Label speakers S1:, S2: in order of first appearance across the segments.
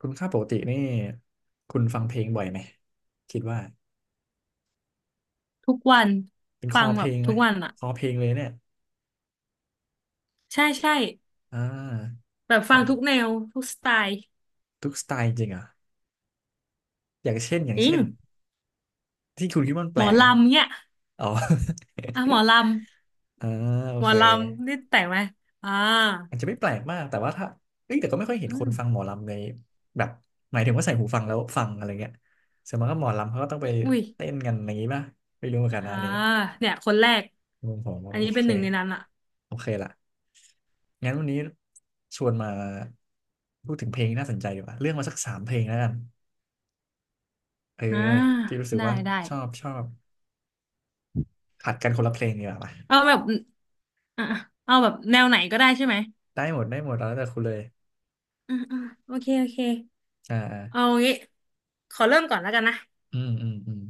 S1: คุณค่าปกตินี่คุณฟังเพลงบ่อยไหมคิดว่า
S2: ทุกวัน
S1: เป็นค
S2: ฟั
S1: อ
S2: ง
S1: เพ
S2: แบ
S1: ล
S2: บ
S1: งไห
S2: ทุ
S1: ม
S2: กวันอ่ะ
S1: คอเพลงเลยเนี่ย
S2: ใช่ใช่
S1: อ่า
S2: แบบฟั
S1: เอา
S2: งทุกแนวทุกสไตล์
S1: ทุกสไตล์จริงเหรอ่ะอย่างเช่นอย่า
S2: จ
S1: ง
S2: ริง
S1: เช่นที่คุณคิดว่ามันแป
S2: หม
S1: ล
S2: อ
S1: กอ่ะ
S2: ลำเนี่ย
S1: อ๋อ
S2: อ่ะหมอล
S1: อ่าโอ
S2: ำหมอ
S1: เค
S2: ลำนี่แต่งไหมอ่า
S1: อาจจะไม่แปลกมากแต่ว่าถ้าเอ้ยแต่ก็ไม่ค่อยเห็น
S2: อื
S1: คน
S2: ม
S1: ฟังหมอลำในแบบหมายถึงว่าใส่หูฟังแล้วฟังอะไรเงี้ยส่วนมากก็หมอลำเขาก็ต้องไป
S2: อุ้ย
S1: เต้นกันอย่างนี้ป่ะไม่รู้เหมือนกันนะ
S2: อ่า
S1: อันนี่
S2: เนี่ยคนแรก
S1: มุมผม
S2: อั
S1: ว่า
S2: น
S1: โอ
S2: นี้เป็น
S1: เค
S2: หนึ่งในนั้นอ่ะ
S1: โอเคละงั้นวันนี้ชวนมาพูดถึงเพลงที่น่าสนใจดีกว่าเรื่องมาสักสามเพลงแล้วกันเออ
S2: อ่า
S1: ที่รู้สึก
S2: ได้
S1: ว่า
S2: ได้
S1: ชอบผัดกันคนละเพลงดีกว่าปะ
S2: เอาแบบอ่ะเอาแบบแนวไหนก็ได้ใช่ไหม
S1: ได้หมดได้หมดแล้วแต่คุณเลย
S2: อืมอืมโอเคโอเค
S1: อ่าอ่า
S2: เอางี้ขอเริ่มก่อนแล้วกันนะ
S1: อืมอืมอืม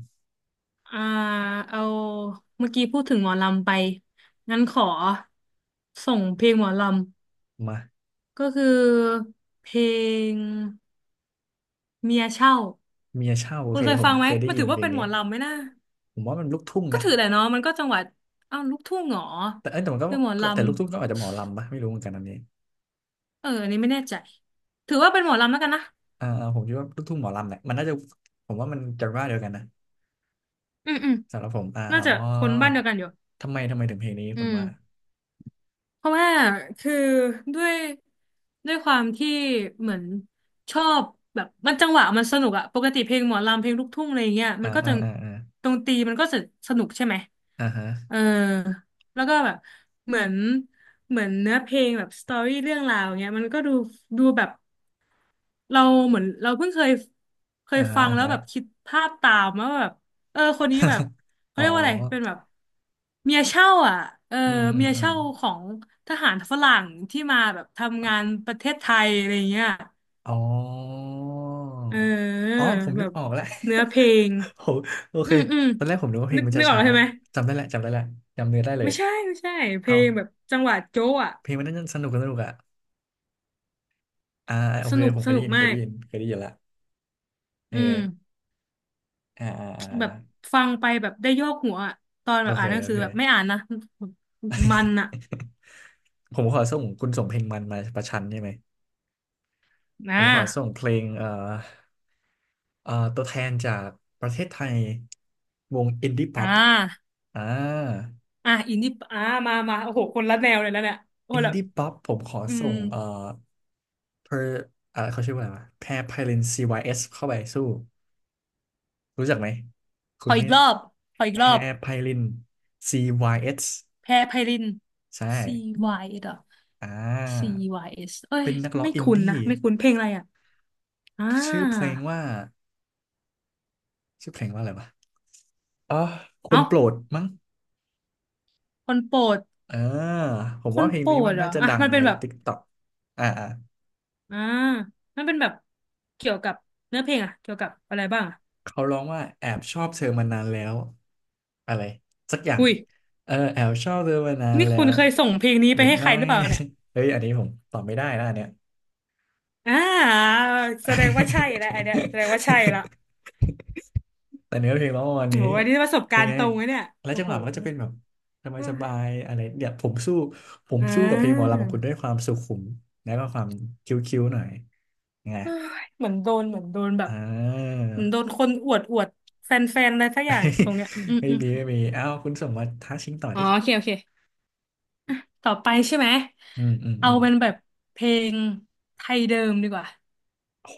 S2: อ่าเอาเมื่อกี้พูดถึงหมอลำไปงั้นขอส่งเพลงหมอล
S1: มา
S2: ำก็คือเพลงเมียเช่า
S1: เมียเช่าโอ
S2: คุ
S1: เค
S2: ณเคย
S1: ผม
S2: ฟังไหม
S1: เคยได้
S2: มัน
S1: ยิ
S2: ถื
S1: น
S2: อ
S1: เพ
S2: ว่า
S1: ลง
S2: เป็นหม
S1: นี้
S2: อลำไหมนะ
S1: ผมว่ามันลูกทุ่ง
S2: ก็
S1: นะ
S2: ถือแหละเนาะมันก็จังหวัดอ้าวลูกทุ่งเหรอ
S1: แต่เอ้ยแต่มันก็
S2: คือหมอ
S1: ก็
S2: ล
S1: แต่ลูกทุ่งก็อาจ
S2: ำ
S1: จะหมอลำปะไม่รู้เหมือนกันอันนี้
S2: เอออันนี้ไม่แน่ใจถือว่าเป็นหมอลำแล้วกันนะ
S1: อ่าอ่าผมคิดว่าลูกทุ่งหมอลำแหละมันน่าจะผมว่ามันจะว่าเดียวกันนะ
S2: อืมอืม
S1: สำหรับผมอ่า
S2: น่า
S1: อ๋อ
S2: จะคนบ้านเดียวกันอยู่
S1: ทำไมถึงเพลงนี้
S2: อื
S1: คุณ
S2: ม
S1: ว่า
S2: เพราะว่าคือด้วยด้วยความที่เหมือนชอบแบบมันจังหวะมันสนุกอะปกติเพลงหมอลำเพลงลูกทุ่งอะไรอย่างเงี้ย
S1: อ่า
S2: มันก็
S1: อ่า
S2: จะ
S1: อ่าอ่า
S2: ดนตรีมันก็จะสนุกใช่ไหม
S1: อ่าฮะ
S2: เออแล้วก็แบบเหมือนเหมือนเนื้อเพลงแบบสตอรี่เรื่องราวเงี้ยมันก็ดูดูแบบเราเหมือนเราเพิ่งเคยเคย
S1: อ่าฮะ
S2: ฟัง
S1: อ่า
S2: แล้ว
S1: ฮะ
S2: แบบคิดภาพตามว่าแบบเออคนนี้แบบเขา
S1: อ๋อ
S2: เรียกว่าอะไรเป็นแบบ เมียเช่าอ่ะเออ
S1: อืมอื
S2: เมี
S1: ม
S2: ย
S1: อืม
S2: เช่าของทหารฝรั่งที่มาแบบทำงานประเทศไทยอะไรเงี้ย
S1: อ๋อ
S2: เออ
S1: อ๋อผม
S2: แบ
S1: นึก
S2: บ
S1: ออกแล้ว
S2: เนื้อเพลง
S1: โหโอ
S2: อื
S1: เค
S2: มอืม
S1: ตอนแรกผมนึกว่าเพล
S2: นึ
S1: ง
S2: ก
S1: มัน
S2: นึ
S1: จะ
S2: กออก
S1: ช้า
S2: แล้วใช่ไหม
S1: จำได้แหละจำได้แหละจำเนื้อได้เลย
S2: ไม่ใช่ไม่ใช่เพล
S1: เอา
S2: งแบบจังหวะโจ๊ะอ่ะ
S1: เพลงมันน่าจะสนุกสนุกอ่ะอ่าโอ
S2: ส
S1: เค
S2: นุก
S1: ผมเค
S2: ส
S1: ยได้
S2: นุก
S1: ยินเค
S2: มา
S1: ย
S2: ก
S1: ได้ยินเคยได้ยินละเออ
S2: อืม
S1: อ่าอ่าอ
S2: แบบ
S1: ่า
S2: ฟังไปแบบได้โยกหัวอะตอนแบ
S1: โอ
S2: บ
S1: เค
S2: อ่านหนัง
S1: โอ
S2: สือ
S1: เค
S2: แบบไม่อ่านนะ มันอ่ะ
S1: ผมขอส่งคุณส่งเพลงมันมาประชันใช่ไหม
S2: นะ
S1: ผมขอส่งเพลงตัวแทนจากประเทศไทยวงอินดี้ป๊
S2: อ่
S1: อป
S2: า
S1: อ่า
S2: อ่ะอินนี่อ่ามามาโอ้โหคนละแนวเลยแล้วเนี่ยโอ้
S1: อิ
S2: โห
S1: น
S2: แบบ
S1: ดี้ป๊อปผมขอ
S2: อื
S1: ส่
S2: ม
S1: งเพออ่าเขาชื่อว่าอะไรวะแพรไพลิน CYS เอสเข้าไปสู้รู้จักไหมคุ
S2: ข
S1: ณ
S2: อ
S1: ไม่
S2: อีกรอบขออี
S1: แพ
S2: กรอบ
S1: รไพลิน CYS
S2: แพรไพริน
S1: ใช่
S2: C Y S อ
S1: อ่
S2: C
S1: า
S2: Y S เอสเอ้ย
S1: เป็นนักร้อง
S2: ไม่
S1: อิน
S2: คุ้นนะ
S1: ดี้
S2: ไม่คุ้นเพลงอะไรอ่ะอ่า
S1: ชื่อเพลงว่าชื่อเพลงว่าอะไรวะอ๋อค
S2: เอ้า
S1: นโปรดมั้ง
S2: คนโปรด
S1: เออผม
S2: ค
S1: ว่า
S2: น
S1: เพลง
S2: โปร
S1: นี้มั
S2: ด
S1: น
S2: เหรอ
S1: น่าจะ
S2: อ่ะ
S1: ดัง
S2: มันเป็น
S1: ใน
S2: แบบ
S1: TikTok อ่าอ่า
S2: อ่ามันเป็นแบบเกี่ยวกับเนื้อเพลงอ่ะเกี่ยวกับอะไรบ้างอ่ะ
S1: เขาร้องว่าแอบชอบเธอมานานแล้วอะไรสักอย่าง
S2: อุ้ย
S1: เออแอบชอบเธอมานาน
S2: นี่
S1: แล้
S2: คุณ
S1: ว
S2: เคยส่งเพลงนี้
S1: อ
S2: ไป
S1: ย่าง
S2: ให้ใค
S1: น้
S2: ร
S1: อ
S2: ห
S1: ย
S2: รือเปล่าเนี่ย
S1: เฮ้ยอันนี้ผมตอบไม่ได้นะอันเนี้ย
S2: อ่าแสดงว่าใช่แล้วไอเนี้ยแสดงว่าใช่ละ
S1: แต่เนื้อเพลงร้องประมาณ
S2: โอ้
S1: นี้
S2: โหอันนี้ประสบ
S1: เป็
S2: กา
S1: น
S2: รณ์
S1: ไง
S2: ตรงเลยเนี่ย
S1: แล้ว
S2: โอ้
S1: จังห
S2: โห
S1: วะมันก็จะเป็นแบบสบายสบายอะไรเนี่ยผมสู้ผม
S2: อ่า
S1: สู้กับเพลงหมอลำของคุณด้วยความสุขุมแล้วก็ความคิ้วๆหน่อยไง
S2: เอ้ยเหมือนโดนเหมือนโดนแบบ
S1: อ่า
S2: เหมือนโดนคนอวดอวดแฟนๆอะไรสักอย่างตรงเนี้ยอื ม
S1: ไม่
S2: อืม
S1: มีไม่มีเอ้าคุณส่งมาท้าชิงต่อ
S2: อ๋อ
S1: ดิ
S2: โอเคโอเคต่อไปใช่ไหม
S1: อืมอืม
S2: เอา
S1: อืม
S2: เป็นแบบเพลงไทยเดิมดีกว่า
S1: โ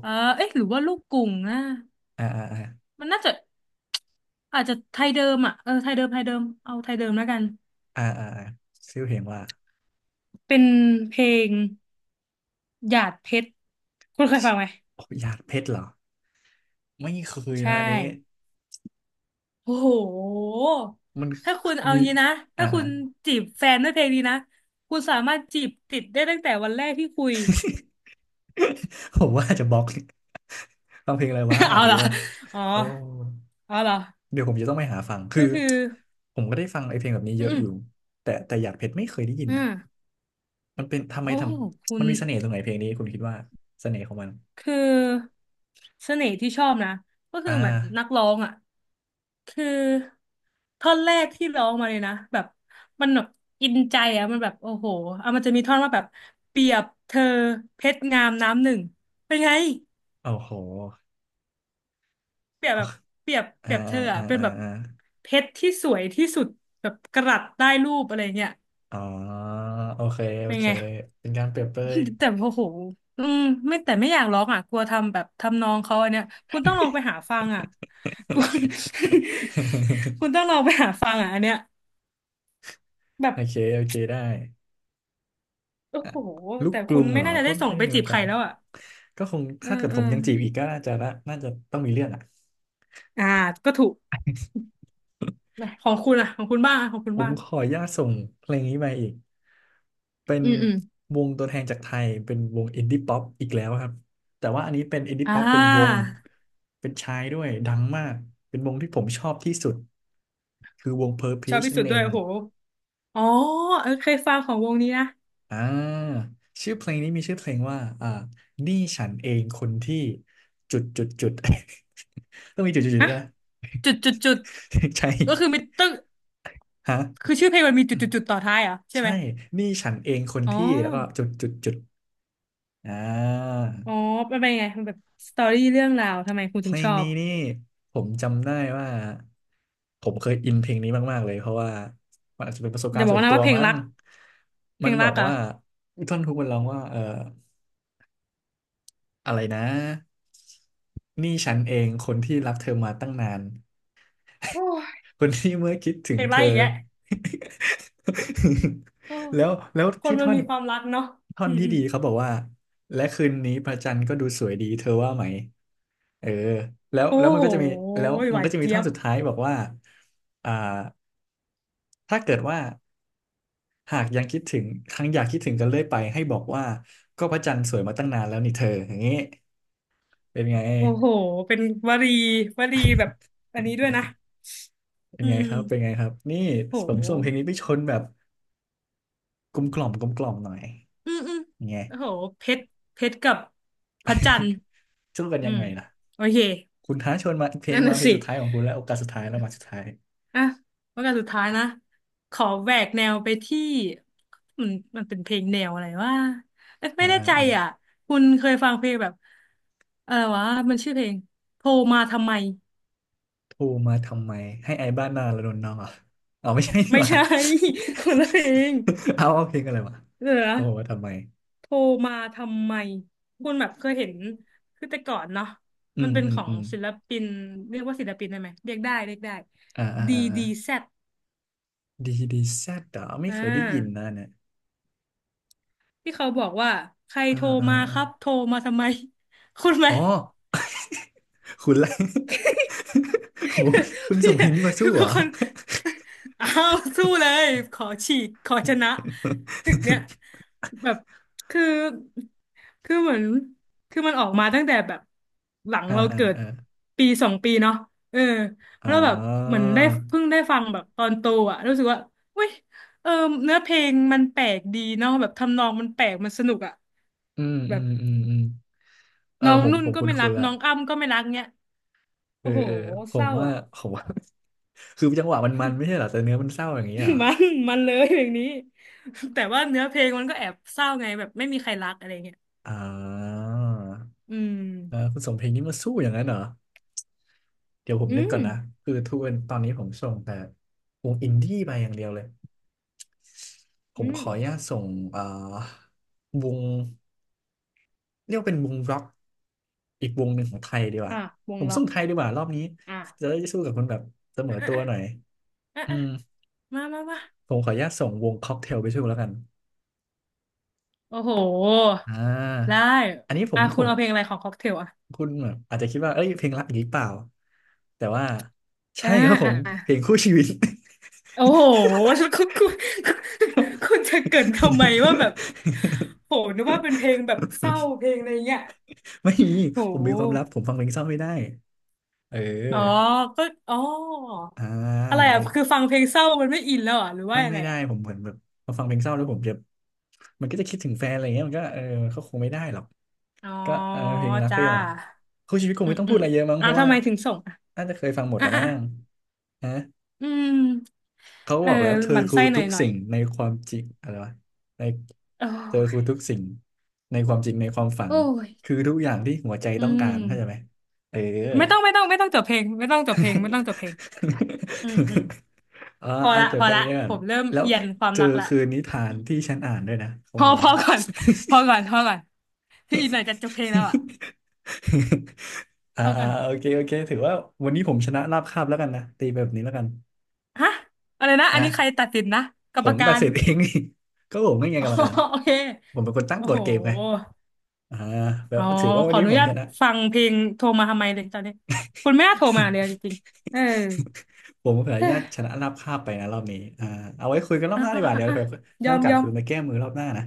S2: เออเอ๊ะหรือว่าลูกกรุ่งนะ
S1: อ่าอ่าอ่า
S2: มันน่าจะอาจจะไทยเดิมอ่ะเออไทยเดิมไทยเดิมเอาไทยเดิมแล้วกัน
S1: อ่าอ่าอ่าชื่อเพลงว่า
S2: เป็นเพลงหยาดเพชรคุณเคย
S1: ชิ
S2: ฟังไหม
S1: โอ้ยหยาดเพชรเหรอไม่เคย
S2: ใช่
S1: นะอันนี้
S2: โอ้โห
S1: มัน
S2: ถ้าคุณเอา
S1: มี
S2: งี้นะถ้า
S1: อ่า
S2: คุณจีบแฟนด้วยเพลงนี้นะ คุณสามารถจีบติดได้ตั้งแต่วันแรกที่คุย
S1: ผมว่าจะบล็อกฟังเพลงอะไรวะ อ
S2: เอา
S1: ย่าง
S2: เหร
S1: งี้
S2: อ
S1: ป่ะ
S2: อ๋อ
S1: โอ้
S2: เอาเหรอ
S1: เดี๋ยวผมจะต้องไปหาฟังคือ
S2: ก็คือ
S1: ผมก็ได้ฟังไอ้เพลงแบบนี้
S2: อื
S1: เยอะอ
S2: ม
S1: ยู่แต่แต่อยากเพชรไม่เคยได้ยิน
S2: อื
S1: นะ
S2: ม
S1: มันเป็นทำไม
S2: โอ้
S1: ท
S2: โหคุ
S1: ำมั
S2: ณ
S1: นมีเสน่ห์ตรงไหนเพลงนี้คุณคิดว่าเสน่ห์ของมัน
S2: คือเสน่ห์ที่ชอบนะ ก็คือ
S1: อ่า
S2: เหมือนนักร้องอ่ะคือท่อนแรกที่ร้องมาเลยนะแบบมันแบบอินใจอ่ะมันแบบโอ้โหเอามันจะมีท่อนว่าแบบเปรียบเธอเพชรงามน้ำหนึ่ง เป็นไง
S1: โอ้โห
S2: เปรียบแบบเปรียบเป
S1: อ่า
S2: รียบเธอ
S1: อ่า
S2: อะเป็น
S1: อ่า
S2: แบบ
S1: อ่า
S2: เพชรที่สวยที่สุดแบบกะรัตได้รูปอะไรเงี้ย
S1: อ๋อโอเคโอ
S2: เป็น
S1: เค
S2: ไง
S1: เป็นการเปรียบเปรย
S2: แต่โอ้โหอืมไม่แต่ไม่อยากร้องอ่ะกลัวทำแบบทำนองเขาอันเนี้ยคุณต้องลองไปหาฟังอ่ะ คุณ คุณต้องล องไปหาฟังอ่ะอันเนี้ยแบบ
S1: โอเคโอเคได้
S2: โอ้
S1: อ่ะ
S2: โห
S1: ลูก
S2: แต่
S1: กรุ
S2: คุณ
S1: งเห
S2: ไม่
S1: รอ
S2: น่าจะ
S1: ก็
S2: ได้
S1: ไม่
S2: ส่
S1: ค่อ
S2: ง
S1: ยได้
S2: ไป
S1: มี
S2: จี
S1: โอ
S2: บใค
S1: กา
S2: ร
S1: ส
S2: แล้วอ่ะ
S1: ก็คง
S2: เออ
S1: ถ้าเกิด
S2: เอ
S1: ผ
S2: อ
S1: มยังจีบอีกก็น่าจะน่าน่าจะต้องมีเรื่องอ่ะ
S2: อ่าก็ถูกของคุณอ่ะของคุณบ้างอะของคุณ
S1: ผม
S2: บ้าง
S1: ขออนุญาตส่งเพลงนี้ไปอีก เป็น
S2: อืมอืม
S1: วงตัวแทนจากไทยเป็นวงอินดี้ป๊อปอีกแล้วครับ แต่ว่าอันนี้เป็นอินดี้
S2: อ่
S1: ป๊อปเป็นวง
S2: า
S1: เป็นชายด้วยดังมาก เป็นวงที่ผมชอบที่สุดคือวง
S2: ชอบ
S1: Purplish
S2: ที่
S1: นั่
S2: สุ
S1: น
S2: ด
S1: เอ
S2: ด้วย
S1: ง
S2: โอ้โห อ๋อเออเคยฟังของวงนี้นะ
S1: อ่าชื่อเพลงว่าอ่านี่ฉันเองคนที่จุดจุดจุด ต้องมีจุดจุดจุด
S2: ฮะ
S1: ด้วยนะ
S2: จุดจุดจุด
S1: ใช่
S2: ก็คือมีต้อง
S1: ฮะ
S2: คือชื่อเพลงมันมีจุ
S1: อื
S2: ด
S1: ม
S2: จุดจุดต่อท้ายเหรอใช่ไห
S1: ใช่
S2: ม
S1: นี่ฉันเองคน
S2: อ๋อ
S1: ที่แล้วก็จุดจุดจุดอ่
S2: อ๋อ
S1: า
S2: มันเป็นยังไงมันแบบสตอรี่เรื่องราวทำไมคุณ
S1: เพ
S2: ถึ
S1: ล
S2: งช
S1: ง
S2: อบ
S1: นี้นี่ผมจำได้ว่าผมเคยอินเพลงนี้มากๆเลยเพราะว่ามันอาจจะเป็นประสบ
S2: อ
S1: การ
S2: ย่า
S1: ณ์
S2: บอ
S1: ส่
S2: ก
S1: วน
S2: นะ
S1: ตัว
S2: ว่าเพลง
S1: มั้ง
S2: รักเพ
S1: มั
S2: ล
S1: น
S2: ง
S1: บ
S2: รั
S1: อ
S2: ก
S1: ก
S2: เหรอ
S1: ว่าท่อนฮุกมันร้องว่าเออ อะไรนะนี่ฉันเองคนที่รับเธอมาตั้งนาน
S2: โอ้ย
S1: คนที่เมื่อคิดถึ
S2: เพ
S1: ง
S2: ลง
S1: เธ
S2: รัก
S1: อ
S2: อีกแล้ว โอ้ย
S1: แล้ว
S2: คน
S1: ที่
S2: มัน
S1: ท่อน
S2: มีความรักเนาะ
S1: ท่อ
S2: อื
S1: น
S2: ม
S1: ที่
S2: อืม
S1: ดีเขาบอกว่าและคืนนี้พระจันทร์ก็ดูสวยดีเธอว่าไหมเออแล้ว
S2: โอ้
S1: แล้วมัน
S2: โห
S1: ก็จะมีแล้วมั
S2: ห
S1: น
S2: วา
S1: ก็
S2: น
S1: จะมี
S2: เจี๊
S1: ท่อ
S2: ย
S1: น
S2: บ
S1: สุดท้ายบอกว่าอ่าถ้าเกิดว่าหากยังคิดถึงครั้งอยากคิดถึงกันเรื่อยไปให้บอกว่าก็พระจันทร์สวยมาตั้งนานแล้วนี่เธออย่างนี้เป็นไง
S2: โอ้โหเป็นวลีวลีแบบอันนี้ด้วยนะ
S1: เป็น
S2: อื
S1: ไง
S2: ม
S1: ครับ เป็นไงครับนี่
S2: โ
S1: ผมส่งเพล
S2: ห
S1: งนี้ไปชนแบบกลมกล่อมหน่อย
S2: อืมอืม
S1: ยังไง
S2: โอ้โหเพชรเพชรกับพระจันทร์
S1: สู้กัน
S2: อื
S1: ยัง
S2: ม
S1: ไงล่ะ
S2: โอเค
S1: คุณท้าชวนมาเพล
S2: นั่
S1: ง
S2: น
S1: มา
S2: น่ะ
S1: เพลง
S2: สิ
S1: สุดท้ายของคุณแล้วโอกาสสุดท้ายแล้วมาสุดท้าย
S2: อ่ะแล้วกันสุดท้ายนะ ขอแหวกแนวไปที่มันมันเป็นเพลงแนวอะไรว่าไม่
S1: อ่า
S2: แน่
S1: อ่า
S2: ใจ
S1: อ่า
S2: อ่ะคุณเคยฟังเพลงแบบอะไรวะ มันชื่อเพลงโทรมาทำไม
S1: โทรมาทำไม ให้ไอ้บ้านหนาระดนนองเหรอเอาไม่ใช่
S2: ไม่
S1: หว่า
S2: ใช่ คนละเพลง
S1: เอาเอาเพลงอะไรวะ
S2: เดี๋ยวนะ
S1: โทรมาทำไม
S2: โทรมาทำไมคุณแบบเคยเห็นคือแต่ก่อนเนาะ
S1: อื
S2: มัน
S1: ม
S2: เป็น
S1: อื
S2: ข
S1: ม
S2: อง
S1: อืม
S2: ศิลปินเรียกว่าศิลปินได้ไหมเรียกได้เรียกได้
S1: อ่าอ่าอ่าอ่า
S2: DDZ
S1: ดีดีแซดเหรอไม่
S2: อ่
S1: เคยได้ยิน
S2: า
S1: นะเนี่ย
S2: ที่เขาบอกว่าใคร
S1: อ่า
S2: โทร
S1: อ่า
S2: มาค
S1: อ่า
S2: รับโทรมาทำไม คุณไหม
S1: อ๋อคุณไร โหคุณ
S2: พี่
S1: ส่งเพลงนี้มาสู้เห
S2: เป็
S1: ร
S2: น
S1: อ
S2: คนเอ้าวสู้เล ยขอฉีกขอชนะศึกเนี้ยแบบคือคือเหมือนคือมันออกมาตั้งแต่แบบหลัง
S1: อ่า
S2: เรา
S1: อ่า
S2: เกิด
S1: อ่า
S2: ปีสองปีเนาะเออ
S1: อ๋
S2: แล้วแบบเหมือน
S1: อ
S2: ได้เพิ่งได้ฟังแบบตอนโตอ่ะรู้สึกว่าเว้ยเออเนื้อเพลงมันแปลกดีเนาะแบบทำนองมันแปลกมันสนุกอ่ะ
S1: อืม
S2: แบ
S1: อื
S2: บ
S1: มอืมอืมเออ
S2: น้อง
S1: ผม
S2: นุ่น
S1: ผม
S2: ก็
S1: คุ้น
S2: ไม่รั
S1: คุ
S2: ก
S1: นละ
S2: น้องอ้ำก็ไม่รักเนี้ย
S1: เอ
S2: โอ้
S1: อ
S2: โห
S1: เออผ
S2: เศ
S1: ม
S2: ร้า
S1: ว่า
S2: อ่ะ
S1: ผมว่า คือจังหวะมันไม่ใช่เหรอแต่เนื้อมันเศร้าอย่างนี้เหรอ
S2: มันมันเลยอย่างนี้ แต่ว่าเนื้อเพลงมันก็แอบเศร้าไงแบบไม่มีใครรักอะไรเงี้ย
S1: อ่า
S2: อืม
S1: เออคุณสมเพลงนี้มาสู้อย่างนั้นเหรอเดี๋ยวผม
S2: อื
S1: นึก
S2: ม
S1: ก่อนนะคือทุกวันตอนนี้ผมส่งแต่วงอินดี้ไปอย่างเดียวเลยผ
S2: อื
S1: มข
S2: ม
S1: ออนุญาตส่งเอ่อวง เรียกว่าเป็นวงร็อกอีกวงหนึ่งของไทยดีกว่า
S2: อ่ะว
S1: ผ
S2: ง
S1: ม
S2: ล็อ
S1: สู้
S2: ก
S1: ไทยดีกว่ารอบนี้
S2: อ่ะ
S1: จะได้สู้กับคนแบบเสมอ
S2: อ่
S1: ตัวหน่อย
S2: ะอ่ะ
S1: อื
S2: อ่ะ
S1: ม
S2: มามามา
S1: ผมขออนุญาตส่งวงค็อกเทลไปช่วยแล้วกัน
S2: โอ้โห
S1: อ่า
S2: ได้
S1: อันนี้ผ
S2: อ่ะ
S1: มผ
S2: คุณ
S1: ม
S2: เอาเพลงอะไรของค็อกเทลอ่ะ
S1: คุณแบบอาจจะคิดว่าเอ้ยเพลงรักอีกหรือเปล่าแต่ว่า
S2: อ่า
S1: ใช่ครับผ
S2: อ่ะ
S1: ม
S2: อ่ะ
S1: เพลงคู่ชีวิต
S2: โอ้โห คุณคุณ คุณจะเกรินทำไมว่าแบบโหนึกว่าเป็นเพลงแบบเศร้าเพลงอะไรเงี้ย
S1: ไม่มี
S2: โ
S1: ผมมีความลับ
S2: ห
S1: ผมฟังเพลงเศร้าไม่ได้เ
S2: อ๋อ
S1: ออ
S2: ก็อ๋อ
S1: อ่า
S2: อะไรอ่ะ
S1: ไม่
S2: คือฟังเพลงเศร้ามันไม่อินแล้วเหรอ่ะหรือว่า
S1: ไม่
S2: ยัง
S1: ไม่
S2: ไง
S1: ได้
S2: อ่ะ
S1: ผมเหมือนแบบพอฟังเพลงเศร้าแล้วผมจะมันก็จะคิดถึงแฟนอะไรเงี้ยมันก็เออเขาคงไม่ได้หรอก
S2: อ๋อ
S1: ก็เออเพลงรักเ้
S2: จ้า
S1: ยมาคู่ชีวิตคง
S2: อื
S1: ไม่
S2: ม
S1: ต้อง
S2: อื
S1: พูด
S2: ม
S1: อะไรเยอะมั้ง
S2: อ่ะ
S1: เพราะ
S2: ทำ
S1: ว่า
S2: ไมถึงส่งอ่ะ
S1: น่าจะเคยฟังหมด
S2: อ่ะ
S1: แล้วมั้
S2: อ่ะ
S1: งฮะ
S2: อืม
S1: เขาก็
S2: เอ
S1: บ
S2: อ
S1: อกแล้วเธอ
S2: หมั่น
S1: คือ
S2: ไส้ห
S1: ทุ
S2: น่อย
S1: ก
S2: หน่อย
S1: สิ่งในความจริงอะไรวะใน
S2: โอ้
S1: เธอคือ
S2: ย
S1: ทุกสิ่งในความจริงในความฝัน
S2: โอ้ย
S1: คือทุกอย่างที่หัวใจ
S2: อื
S1: ต้องการเข้าใจไหม
S2: ม
S1: เออ
S2: ไม่ต้องไม่ต้องไม่ต้องจบเพลงไม่ต้องจบเพลงไม่ต้องจบเพลงอืมอืม
S1: เออ
S2: พอ
S1: อ่าน
S2: ละ
S1: จ
S2: พ
S1: บ
S2: อ
S1: กัน
S2: ละ
S1: เรื่อ
S2: ผ
S1: ง
S2: มเริ่ม
S1: แล้ว
S2: เอียนความ
S1: เจอ
S2: รักละ
S1: คือนิทานที่ฉันอ่านด้วยนะขอ
S2: พ
S1: ง
S2: อ
S1: เรา
S2: พอก่อนพอก่อนพอก่อนพี่อีกหน่อยจะจบเพลงแล้วอ่ะ
S1: อ่า
S2: พอ
S1: อ่า
S2: ก่อน
S1: โอเคโอเคถือว่าวันนี้ผมชนะราบคาบแล้วกันนะตีแบบนี้แล้วกัน
S2: ฮะอะไรนะอัน
S1: นะ
S2: นี้ใครตัดสินนะกร
S1: ผ
S2: รม
S1: ม
S2: กา
S1: ตัด
S2: ร
S1: สินเอง นี่ ก็ผมไม่ไง
S2: อ๋
S1: ก
S2: อ
S1: รรมการ
S2: โอเค
S1: ผมเป็นคนตั้ง
S2: โอ้
S1: กฎ
S2: โห
S1: เกมไงอ่าแบ
S2: อ๋
S1: บ
S2: อ
S1: ถือว่า
S2: ข
S1: วัน
S2: ออ
S1: นี้
S2: นุ
S1: ผม
S2: ญาต
S1: ชนะ
S2: ฟังเพลงโทรมาทำไมเลยตอนนี้คุณแม่โทรมาเลยจ ริงๆเออ
S1: ผมขออนุ
S2: เฮ้
S1: ญา
S2: ย
S1: ตชนะราบคาบไปนะรอบนี้อ่าเอาไว้คุยกันรอบ
S2: อ่ะ
S1: หน้าดี
S2: อ่ะ
S1: กว่า
S2: อ่ะ
S1: เดี๋ยว
S2: อ่ะย
S1: ให้
S2: อ
S1: โอ
S2: ม
S1: กาส
S2: ยอม
S1: คุณมาแก้มือรอบหน้านะ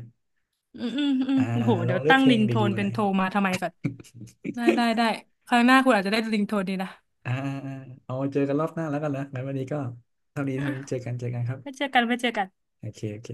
S2: อืมอืมอืม
S1: อ่า
S2: โอ้
S1: อ่า
S2: โห
S1: ล
S2: เดี๋
S1: อ
S2: ย
S1: ง
S2: ว
S1: เลือก
S2: ตั้ง
S1: เพล
S2: ริ
S1: ง
S2: งโท
S1: ดี
S2: น
S1: ๆมา
S2: เป็
S1: ห
S2: น
S1: น่อย
S2: โทรมาทำไมก่อนได้ได้ได้ครัหน้าคุณอาจจะได้ริงโทนนีนะ
S1: อ่าอ่าอ่าเอาไว้เจอกันรอบหน้าแล้วกันนะงั้นวันนี้ก็เท่านี้
S2: อ่ะ
S1: เท่านี้เจอกันเจอกันครับ
S2: ไม่เจอกันไม่เจอกัน
S1: โอเคโอเค